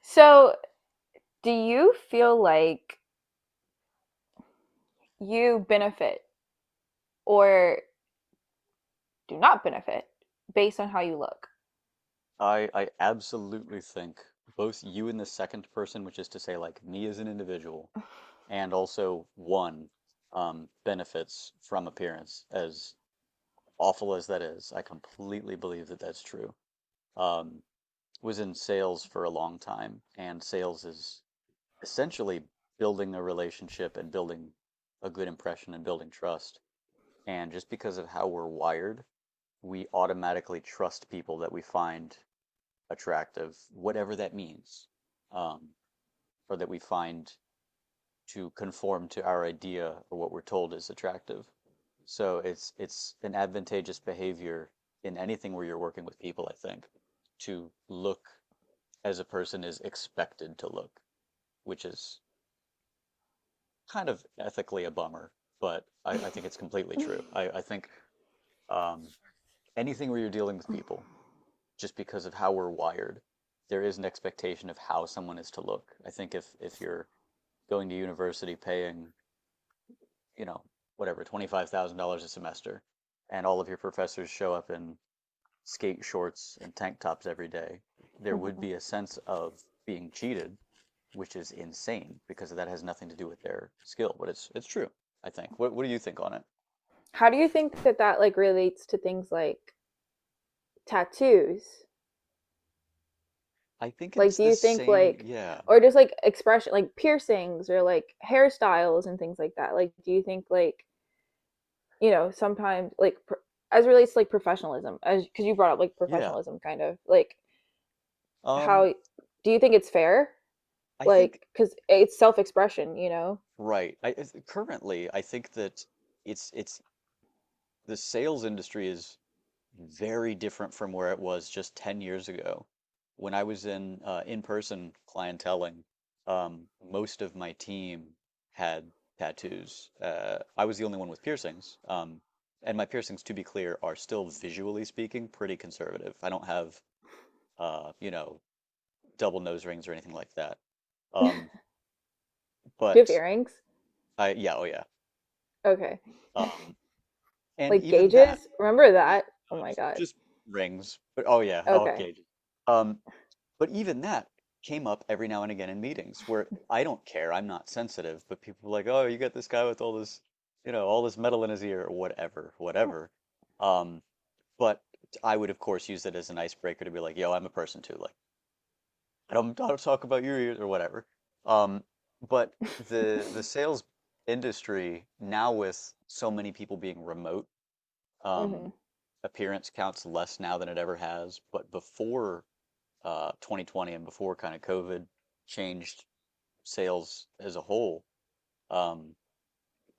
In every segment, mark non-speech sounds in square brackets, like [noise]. So, do you feel like you benefit or do not benefit based on how you look? I absolutely think both you in the second person, which is to say like me as an individual, and also one benefits from appearance, as awful as that is. I completely believe that that's true. Um, was in sales for a long time, and sales is essentially building a relationship and building a good impression and building trust. And just because of how we're wired, we automatically trust people that we find attractive, whatever that means, um, or that we find to conform to our idea or what we're told is attractive. So it's an advantageous behavior in anything where you're working with people, I think, to look as a person is expected to look, which is kind of ethically a bummer, but I think it's completely true. [laughs] I think um, anything where you're dealing with people, just because of how we're wired. There is an expectation of how someone is to look. I think if you're going to university paying, you know, whatever, $25,000 a semester and all of your professors show up in skate shorts and tank tops every day, there would Mhm. be a sense of being cheated, which is insane because that has nothing to do with their skill, but it's true, I think. What do you think on it? How do you think that that relates to things like tattoos? I think Like, it's do the you think same. like, Yeah. or just like expression, like piercings or like hairstyles and things like that? Like, do you think sometimes as relates to like professionalism, as because you brought up like Yeah. professionalism kind of like Um, how do you think it's fair. I Like, think because it's self expression, you know? Right. It's- currently, I think that it's the sales industry is very different from where it was just 10 years ago. When I was in in-person clienteling, most of my team had tattoos. I was the only one with piercings. And my piercings, to be clear, are still visually speaking pretty conservative. I don't have you know, double nose rings or anything like that. Um, Do you have but earrings? I yeah, oh yeah. Okay. Um, [laughs] And Like even that, gauges? Remember that? Oh my just God. Rings. But oh yeah, oh, Okay. okay. Um, but even that came up every now and again in meetings where I don't care, I'm not sensitive, but people were like, oh, you got this guy with all this, you know, all this metal in his ear, or whatever, whatever. [laughs] Um, but I would of course use it as an icebreaker to be like, yo, I'm a person too. Like, I don't talk about your ears or whatever. Um, but The sales industry now with so many people being remote, hmm um, appearance counts less now than it ever has. But before 2020 and before kind of COVID changed sales as a whole, um,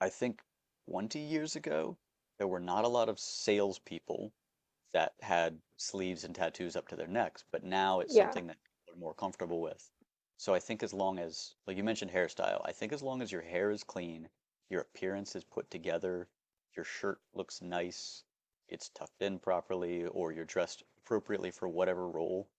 I think 20 years ago, there were not a lot of salespeople that had sleeves and tattoos up to their necks, but now it's Yeah. something that people are more comfortable with. So I think as long as, like you mentioned, hairstyle, I think as long as your hair is clean, your appearance is put together, your shirt looks nice, it's tucked in properly, or you're dressed appropriately for whatever role,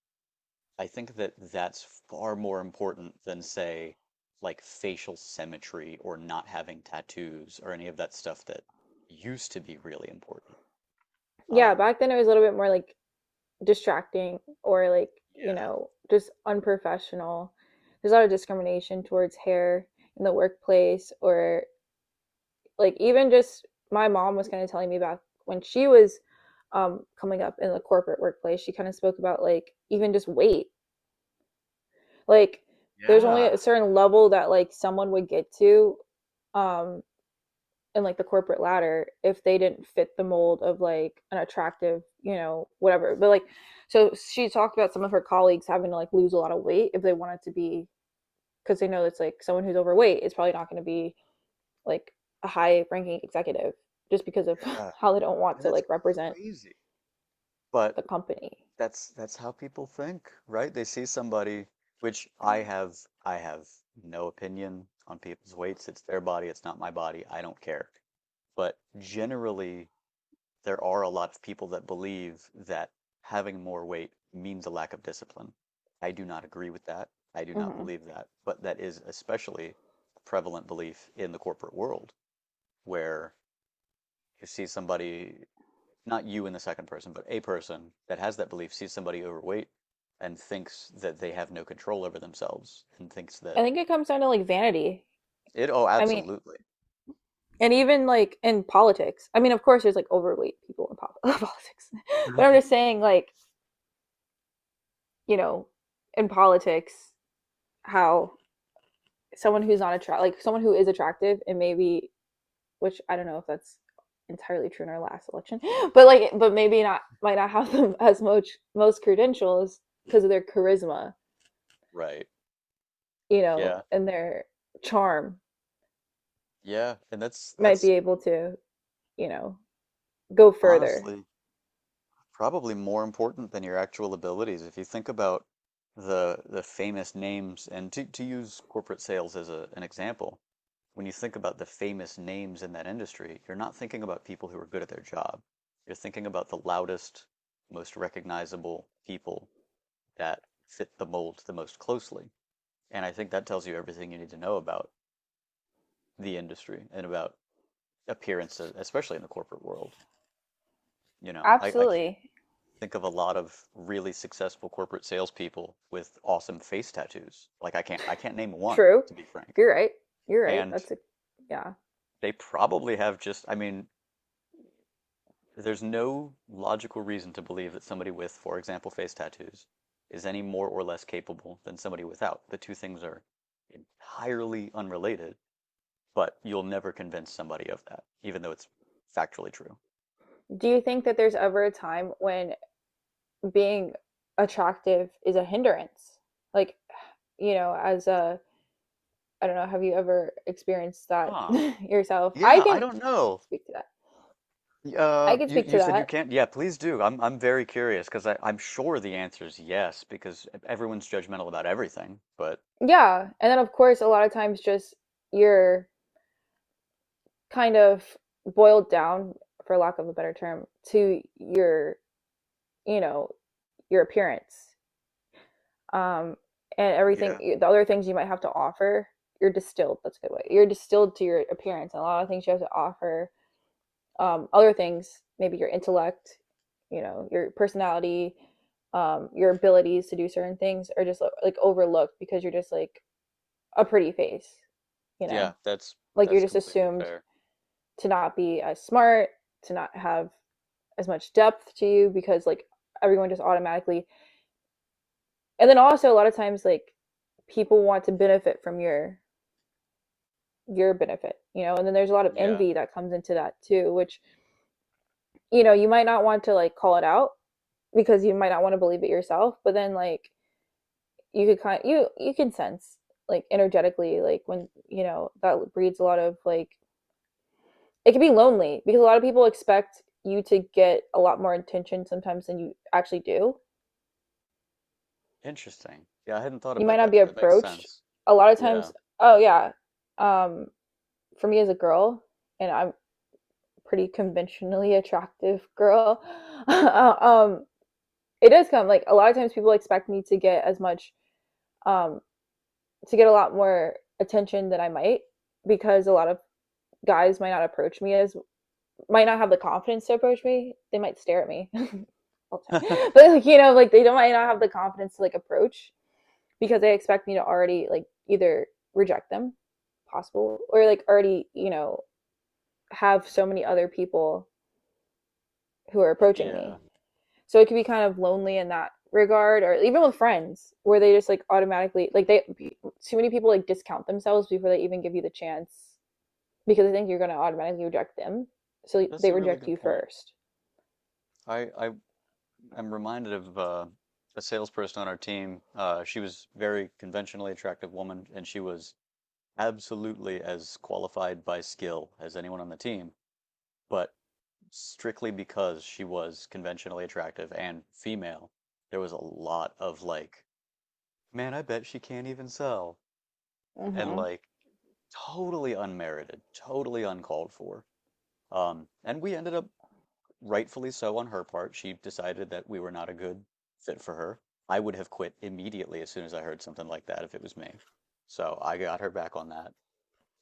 I think that that's far more important than, say, like facial symmetry or not having tattoos or any of that stuff that used to be really important. Yeah. Um, Back then it was a little bit more like distracting or like, you yeah, know, just unprofessional. There's a lot of discrimination towards hair in the workplace, or like even just my mom was kind of telling me about when she was coming up in the corporate workplace. She kind of spoke about like even just weight, like there's only Yeah. a certain level that like someone would get to um and like the corporate ladder, if they didn't fit the mold of like an attractive, you know, whatever. But like, so she talked about some of her colleagues having to like lose a lot of weight if they wanted to be, because they know it's like someone who's overweight is probably not going to be like a high ranking executive just because of Yeah, [laughs] how they don't want and to that's like represent crazy. But the company. that's how people think, right? They see somebody, which I have no opinion on people's weights. It's their body, it's not my body. I don't care. But generally, there are a lot of people that believe that having more weight means a lack of discipline. I do not agree with that. I do not Mm-hmm. believe that. But that is especially a prevalent belief in the corporate world where you see somebody, not you in the second person, but a person that has that belief sees somebody overweight and thinks that they have no control over themselves and thinks that I think it comes down to like vanity. it, oh, I mean, absolutely. and even like in politics. I mean, of course, there's like overweight people politics, [laughs] but I'm [laughs] just saying, like, you know, in politics, how someone who's not attract like someone who is attractive and maybe, which I don't know if that's entirely true in our last election, [gasps] but like but maybe not might not have them as much most credentials because of their charisma, Right. you know, Yeah. and their charm Yeah. And that's might that's be able to, you know, go further. honestly probably more important than your actual abilities. If you think about the famous names, and to use corporate sales as an example, when you think about the famous names in that industry, you're not thinking about people who are good at their job. You're thinking about the loudest, most recognizable people that fit the mold the most closely. And I think that tells you everything you need to know about the industry and about appearances, especially in the corporate world. You know, I can't Absolutely. think of a lot of really successful corporate salespeople with awesome face tattoos. Like I can't name one, True. to be frank. You're right. You're right. And That's a yeah. they probably have just I mean, there's no logical reason to believe that somebody with, for example, face tattoos is any more or less capable than somebody without. The two things are entirely unrelated, but you'll never convince somebody of that, even though it's factually true. Do you think that there's ever a time when being attractive is a hindrance? Like, [sighs] you know, as a I don't know. Have you ever experienced that Huh. [laughs] yourself? I Yeah, I can don't know. speak to that. I can You speak to said you that. can't. Yeah, please do. I'm very curious because I'm sure the answer is yes because everyone's judgmental about everything. But Yeah. And then, of course, a lot of times just you're kind of boiled down, for lack of a better term, to your, you know, your appearance um, and yeah, everything, the other things you might have to offer. You're distilled. That's a good way. You're distilled to your appearance and a lot of things you have to offer other things, maybe your intellect, you know, your personality, your abilities to do certain things are just overlooked because you're just like a pretty face, you yeah, know, that's like you're that's just completely assumed fair. to not be as smart, to not have as much depth to you because like everyone just automatically. And then also a lot of times like people want to benefit from your benefit, you know, and then there's a lot of Yeah, envy that comes into that too, which, you know, you might not want to like call it out, because you might not want to believe it yourself, but then like you could kind of, you can sense like energetically like when you know that breeds a lot of like it can be lonely because a lot of people expect you to get a lot more attention sometimes than you actually do. interesting. Yeah, I hadn't thought You might about not that, be but that makes approached sense. a lot of Yeah, times. Oh yeah. um for me as a girl, and I'm pretty conventionally attractive girl, [laughs] um it does come like a lot of times people expect me to get as much um to get a lot more attention than I might, because a lot of guys might not approach me as might not have the confidence to approach me. They might stare at me [laughs] all the [laughs] time, [laughs] but like, you know, like they don't might not have the confidence to like approach because they expect me to already like either reject them, possible, or like already, you know, have so many other people who are approaching yeah, me. So it could be kind of lonely in that regard, or even with friends where they just like automatically like they too many people like discount themselves before they even give you the chance because I think you're going to automatically reject them. So that's they a really reject good you point. first. I am reminded of a salesperson on our team. She was very conventionally attractive woman, and she was absolutely as qualified by skill as anyone on the team. But strictly because she was conventionally attractive and female, there was a lot of like, man, I bet she can't even sell. And hmm like totally unmerited, totally uncalled for. And we ended up rightfully so on her part. She decided that we were not a good fit for her. I would have quit immediately as soon as I heard something like that if it was me. So I got her back on that.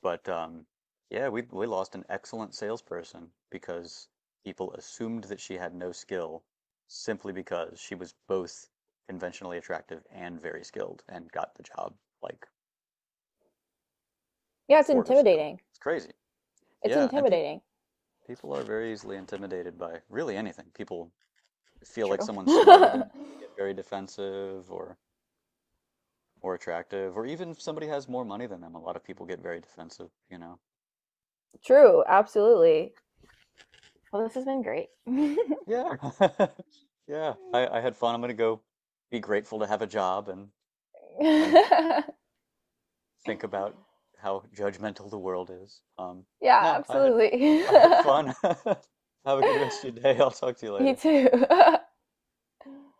But yeah, we lost an excellent salesperson because people assumed that she had no skill simply because she was both conventionally attractive and very skilled and got the job like Yeah, it's for her skill. intimidating. It's crazy. It's Yeah, and intimidating. people are very easily intimidated by really anything. People feel like True. someone's smarter than them. [laughs] They get very defensive or more attractive, or even if somebody has more money than them, a lot of people get very defensive, you know. True, absolutely. Well, this has been great. [laughs] Yeah. [laughs] Yeah. I had fun. I'm gonna go be grateful to have a job and and [laughs] think about how judgmental the world is. Um, Yeah, no, I had absolutely. [laughs] Fun. [laughs] Have a good rest of your day. I'll talk to you You later. too. [laughs]